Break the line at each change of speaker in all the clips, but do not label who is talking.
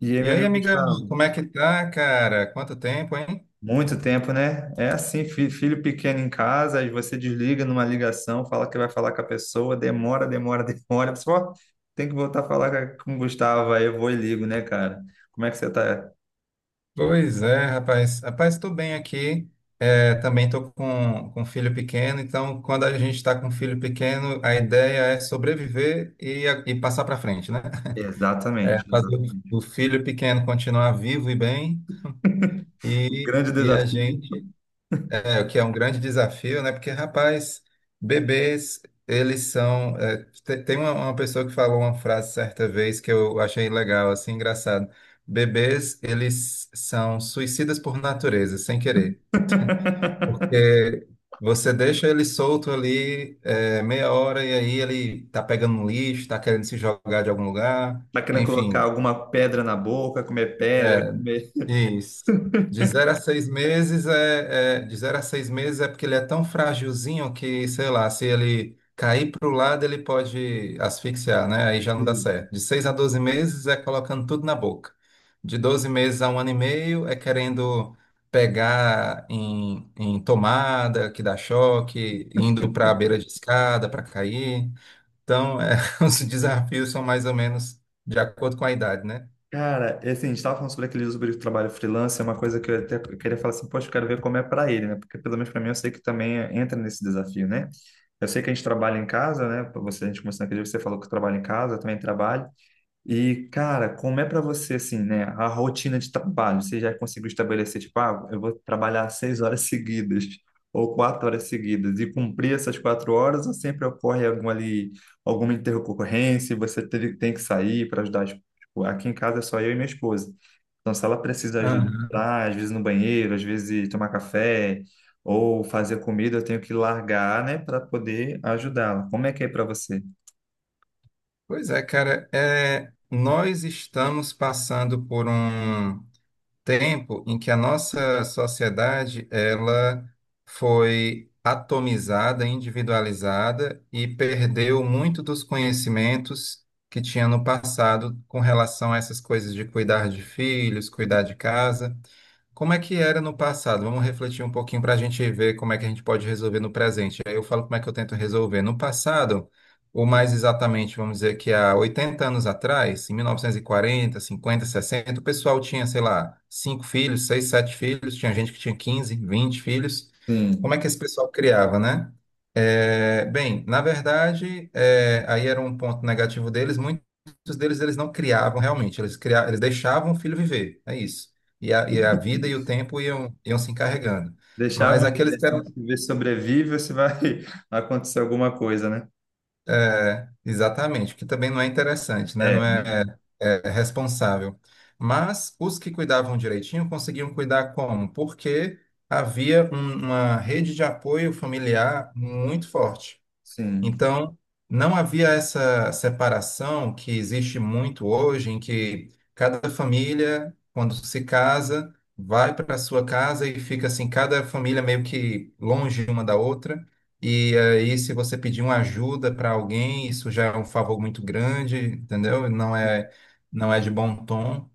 E aí,
E
meu
aí,
amigo
amigão,
Gustavo,
como é que tá, cara? Quanto tempo, hein?
muito tempo, né? É assim, filho pequeno em casa, aí você desliga numa ligação, fala que vai falar com a pessoa, demora, demora, demora. Você fala, "Ó, tem que voltar a falar com o Gustavo, aí eu vou e ligo, né, cara? Como é que você tá?
Pois é, rapaz. Rapaz, tô bem aqui. É, também tô com um filho pequeno, então quando a gente tá com um filho pequeno, a ideia é sobreviver e, e passar pra frente, né? É
Exatamente,
fazer o
exatamente.
o filho pequeno continuar vivo e bem
O
e,
grande
e a
desafio.
gente É o que é um grande desafio, né? Porque, rapaz, bebês, eles são. É, te- tem uma pessoa que falou uma frase certa vez que eu achei legal, assim, engraçado. Bebês, eles são suicidas por natureza, sem querer. Porque você deixa ele solto ali, meia hora, e aí ele tá pegando um lixo, tá querendo se jogar de algum lugar,
Tá querendo colocar
enfim.
alguma pedra na boca, comer
é,
pedra, comer.
Isso. De zero a seis meses é porque ele é tão frágilzinho que, sei lá, se ele cair para o lado, ele pode asfixiar, né? Aí já não dá certo. De seis a 12 meses é colocando tudo na boca. De 12 meses a um ano e meio é querendo pegar em tomada, que dá choque, indo para a beira de escada para cair. Então, os desafios são mais ou menos de acordo com a idade, né?
Cara, é assim, a gente estava falando sobre aquele sobre o trabalho freelance, é uma coisa que eu até queria falar assim, poxa, eu quero ver como é para ele, né? Porque pelo menos para mim eu sei que também entra nesse desafio, né? Eu sei que a gente trabalha em casa, né? Pra você, a gente começou naquele dia, você falou que trabalha em casa, eu também trabalho. E, cara, como é para você, assim, né, a rotina de trabalho? Você já conseguiu estabelecer, tipo, ah, eu vou trabalhar 6 horas seguidas ou 4 horas seguidas e cumprir essas 4 horas ou sempre ocorre alguma ali, alguma intercorrência e você tem que sair para ajudar? Tipo, aqui em casa é só eu e minha esposa. Então, se ela precisa de ajuda pra, às vezes no banheiro, às vezes tomar café ou fazer comida, eu tenho que largar, né, para poder ajudá-la. Como é que é para você?
Pois é, cara, é, nós estamos passando por um tempo em que a nossa sociedade ela foi atomizada, individualizada e perdeu muito dos conhecimentos que tinha no passado com relação a essas coisas de cuidar de filhos, cuidar de casa. Como é que era no passado? Vamos refletir um pouquinho para a gente ver como é que a gente pode resolver no presente. Aí eu falo como é que eu tento resolver. No passado, ou mais exatamente, vamos dizer que há 80 anos atrás, em 1940, 50, 60, o pessoal tinha, sei lá, cinco filhos, seis, sete filhos, tinha gente que tinha 15, 20 filhos. Como
Sim.
é que esse pessoal criava, né? É, bem, na verdade, é, aí era um ponto negativo deles, muitos deles eles não criavam realmente, eles criavam, eles deixavam o filho viver, é isso e a vida e o tempo iam se encarregando. Mas
Deixavam ele, né?
aqueles que
Se
eram.
você sobrevive, você vai acontecer alguma coisa, né?
É, exatamente, que também não é interessante, né?
É,
Não é, é responsável. Mas os que cuidavam direitinho conseguiam cuidar como? Porque havia uma rede de apoio familiar muito forte.
sim.
Então, não havia essa separação que existe muito hoje, em que cada família, quando se casa, vai para a sua casa e fica assim, cada família meio que longe uma da outra. E aí, se você pedir uma ajuda para alguém, isso já é um favor muito grande, entendeu? Não é de bom tom.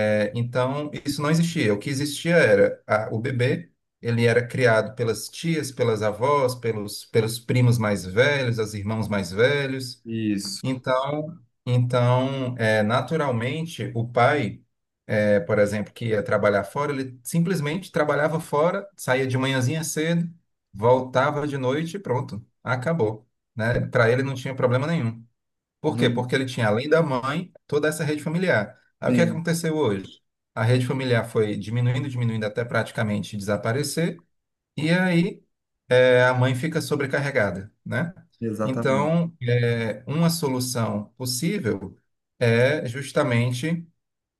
É, então, isso não existia. O que existia era o bebê, ele era criado pelas tias, pelas avós, pelos primos mais velhos, as irmãos mais velhos.
Isso.
Então, então, é, naturalmente, o pai, é, por exemplo, que ia trabalhar fora, ele simplesmente trabalhava fora, saía de manhãzinha cedo, voltava de noite e pronto, acabou, né? Para ele não tinha problema nenhum. Por quê?
Não,
Porque ele tinha, além da mãe, toda essa rede familiar. Aí o que é que
sim,
aconteceu hoje? A rede familiar foi diminuindo, diminuindo até praticamente desaparecer, e aí é, a mãe fica sobrecarregada, né?
exatamente.
Então, é, uma solução possível é justamente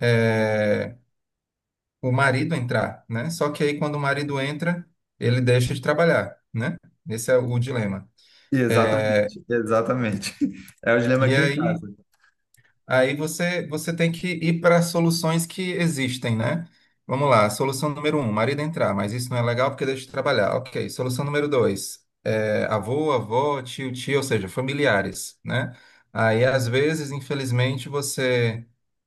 é, o marido entrar, né? Só que aí quando o marido entra, ele deixa de trabalhar, né? Esse é o dilema.
Exatamente, exatamente. É o dilema
E
aqui em
aí
casa.
aí você, você tem que ir para soluções que existem, né? Vamos lá, solução número um, marido entrar, mas isso não é legal porque deixa de trabalhar. Ok, solução número dois, é, avô, avó, tio, tia, ou seja, familiares, né? Aí, às vezes, infelizmente, você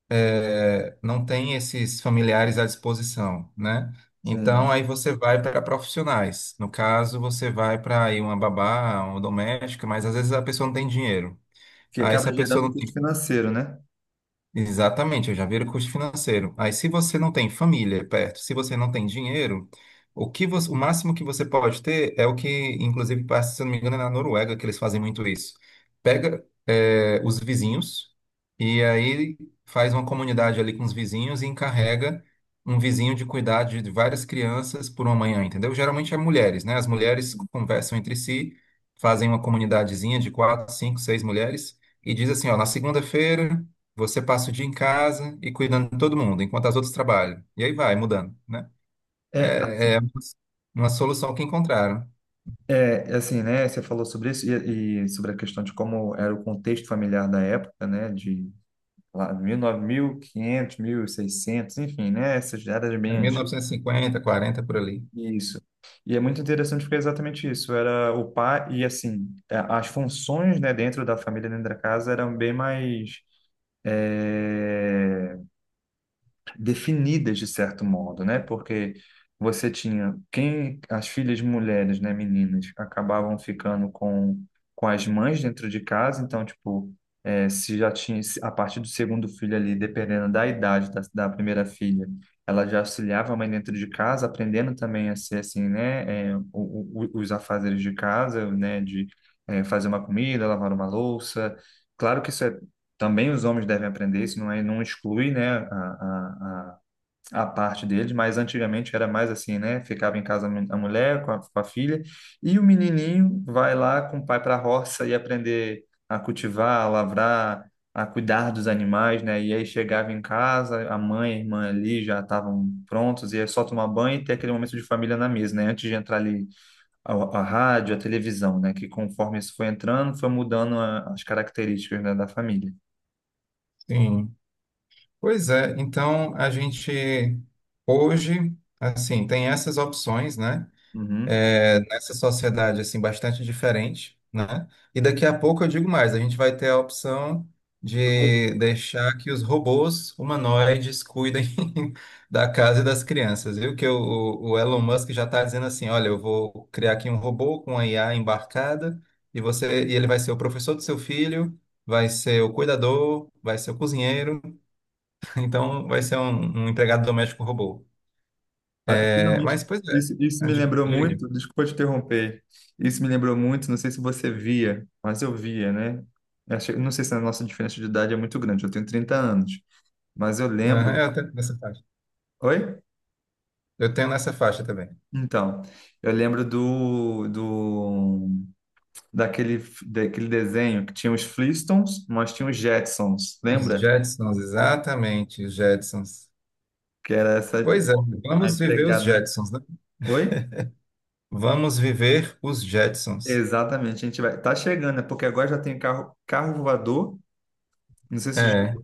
é, não tem esses familiares à disposição, né? Então,
Sim.
aí você vai para profissionais. No caso, você vai para aí uma babá, uma doméstica, mas às vezes a pessoa não tem dinheiro.
Que
Aí, se
acaba
a pessoa
gerando
não tem
custo financeiro, né?
exatamente, eu já vi o custo financeiro. Aí, se você não tem família perto, se você não tem dinheiro, o que você, o máximo que você pode ter é o que, inclusive, passa, se eu não me engano, é na Noruega que eles fazem muito isso. Pega, os vizinhos e aí faz uma comunidade ali com os vizinhos e encarrega um vizinho de cuidar de várias crianças por uma manhã, entendeu? Geralmente é mulheres, né? As mulheres conversam entre si, fazem uma comunidadezinha de quatro, cinco, seis mulheres e diz assim, ó, na segunda-feira. Você passa o dia em casa e cuidando de todo mundo, enquanto as outras trabalham. E aí vai mudando, né?
É, assim,
É uma solução que encontraram.
é, é assim, né? Você falou sobre isso e sobre a questão de como era o contexto familiar da época, né? De lá, 1900, 1500, 600, enfim, né? Essas eras
É
bem
mil
antigas.
novecentos e cinquenta, quarenta por ali.
Isso. E é muito interessante porque é exatamente isso. Era o pai, e assim, as funções, né, dentro da família, dentro da casa, eram bem mais. é, definidas de certo modo, né? Porque você tinha quem, as filhas mulheres, né, meninas, acabavam ficando com as mães dentro de casa, então tipo, se já tinha a partir do segundo filho ali, dependendo da idade da primeira filha, ela já auxiliava a mãe dentro de casa, aprendendo também a ser assim, né, os afazeres de casa, né, de fazer uma comida, lavar uma louça. Claro que isso é, também os homens devem aprender, isso não é, não exclui, né, a parte deles, mas antigamente era mais assim, né, ficava em casa a mulher com a filha, e o menininho vai lá com o pai para a roça e aprender a cultivar, a lavrar, a cuidar dos animais, né, e aí chegava em casa, a mãe e a irmã ali já estavam prontos, e é só tomar banho e ter aquele momento de família na mesa, né, antes de entrar ali a rádio, a televisão, né, que conforme isso foi entrando, foi mudando as características, né, da família.
Sim. Pois é, então a gente hoje, assim, tem essas opções, né?
Uhum.
É, nessa sociedade assim bastante diferente, né? E daqui a pouco eu digo mais, a gente vai ter a opção
Tudo.
de deixar que os robôs humanoides cuidem da casa e das crianças, viu? Que o Elon Musk já está dizendo assim, olha, eu vou criar aqui um robô com a IA embarcada e você e ele vai ser o professor do seu filho, vai ser o cuidador, vai ser o cozinheiro, então vai ser um empregado doméstico robô.
Ah,
É,
finalmente,
mas pois é,
isso
ah,
me lembrou
diga.
muito, desculpa te interromper, isso me lembrou muito, não sei se você via, mas eu via, né? Não sei se a nossa diferença de idade é muito grande, eu tenho 30 anos, mas eu
Aham,
lembro. Oi?
eu tenho nessa faixa também.
Então, eu lembro do daquele, daquele desenho, que tinha os Flintstones, mas tinha os Jetsons,
Os
lembra?
Jetsons, exatamente, os Jetsons.
Que era essa
Pois é,
a
vamos viver os
empregada, né?
Jetsons, né?
Oi?
Vamos viver os Jetsons.
Exatamente, a gente vai. Tá chegando, né? Porque agora já tem carro voador. Não sei se já.
É,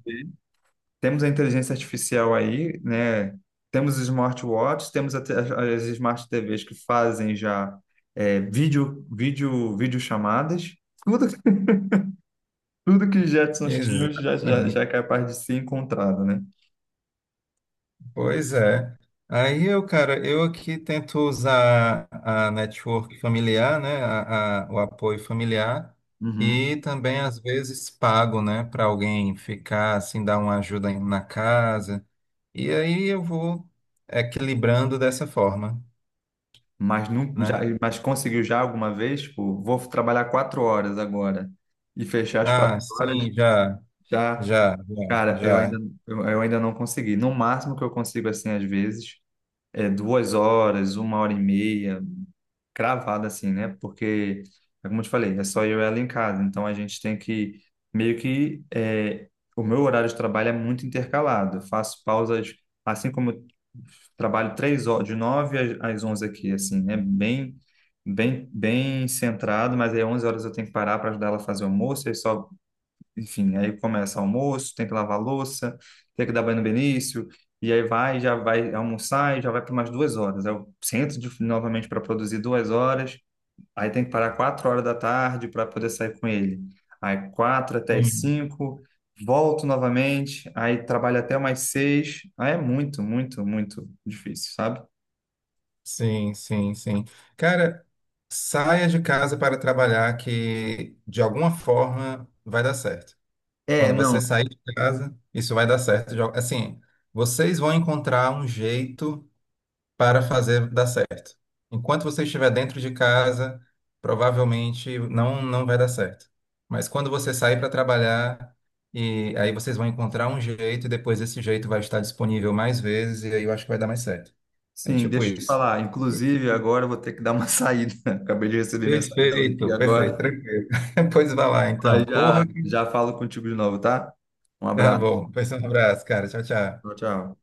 Temos a inteligência artificial aí, né? Temos os smartwatches, temos até as smart TVs que fazem já, videochamadas. Tudo, tudo que Jetson tinha já é
exatamente.
capaz de ser encontrado, né?
Pois é. Aí eu, cara, eu aqui tento usar a network familiar, né? O apoio familiar.
Uhum.
E também, às vezes, pago, né? Para alguém ficar, assim, dar uma ajuda na casa. E aí eu vou equilibrando dessa forma,
Mas, não, já,
né?
mas conseguiu já alguma vez? Tipo, vou trabalhar 4 horas agora e fechar as quatro
Ah,
horas?
sim, já,
Já, cara, eu ainda,
já.
eu, eu ainda não consegui. No máximo que eu consigo, assim, às vezes, é 2 horas, 1 hora e meia, cravada assim, né? Porque, é como eu te falei, é só eu e ela em casa. Então a gente tem que meio que, o meu horário de trabalho é muito intercalado. Eu faço pausas, assim como eu trabalho 3 horas, de 9 às 11 aqui, assim, é bem, bem, bem centrado. Mas aí, 11 horas eu tenho que parar para ajudar ela a fazer o almoço. Aí, só enfim, aí começa almoço, tem que lavar a louça, tem que dar banho no Benício, e aí vai, já vai almoçar e já vai para mais 2 horas. Eu sento novamente para produzir 2 horas, aí tem que parar 4 horas da tarde para poder sair com ele. Aí, 4 até as
Sim,
5, volto novamente, aí trabalho até mais 6. Aí é muito, muito, muito difícil, sabe?
sim, sim. Cara, saia de casa para trabalhar que de alguma forma vai dar certo.
É,
Quando você
não.
sair de casa, isso vai dar certo. Assim, vocês vão encontrar um jeito para fazer dar certo. Enquanto você estiver dentro de casa, provavelmente não vai dar certo. Mas quando você sair para trabalhar, e aí vocês vão encontrar um jeito, e depois esse jeito vai estar disponível mais vezes, e aí eu acho que vai dar mais certo. É
Sim,
tipo
deixa eu te
isso.
falar.
E-
Inclusive,
e-
agora eu vou ter que dar uma saída. Acabei de receber mensagem dela aqui
Perfeito, perfeito,
agora.
tranquilo. Pois vai lá,
Mas
então.
já,
Corra que...
já falo contigo de novo, tá? Um
Tá
abraço.
bom. Pois um abraço, cara. Tchau, tchau.
Tchau, tchau.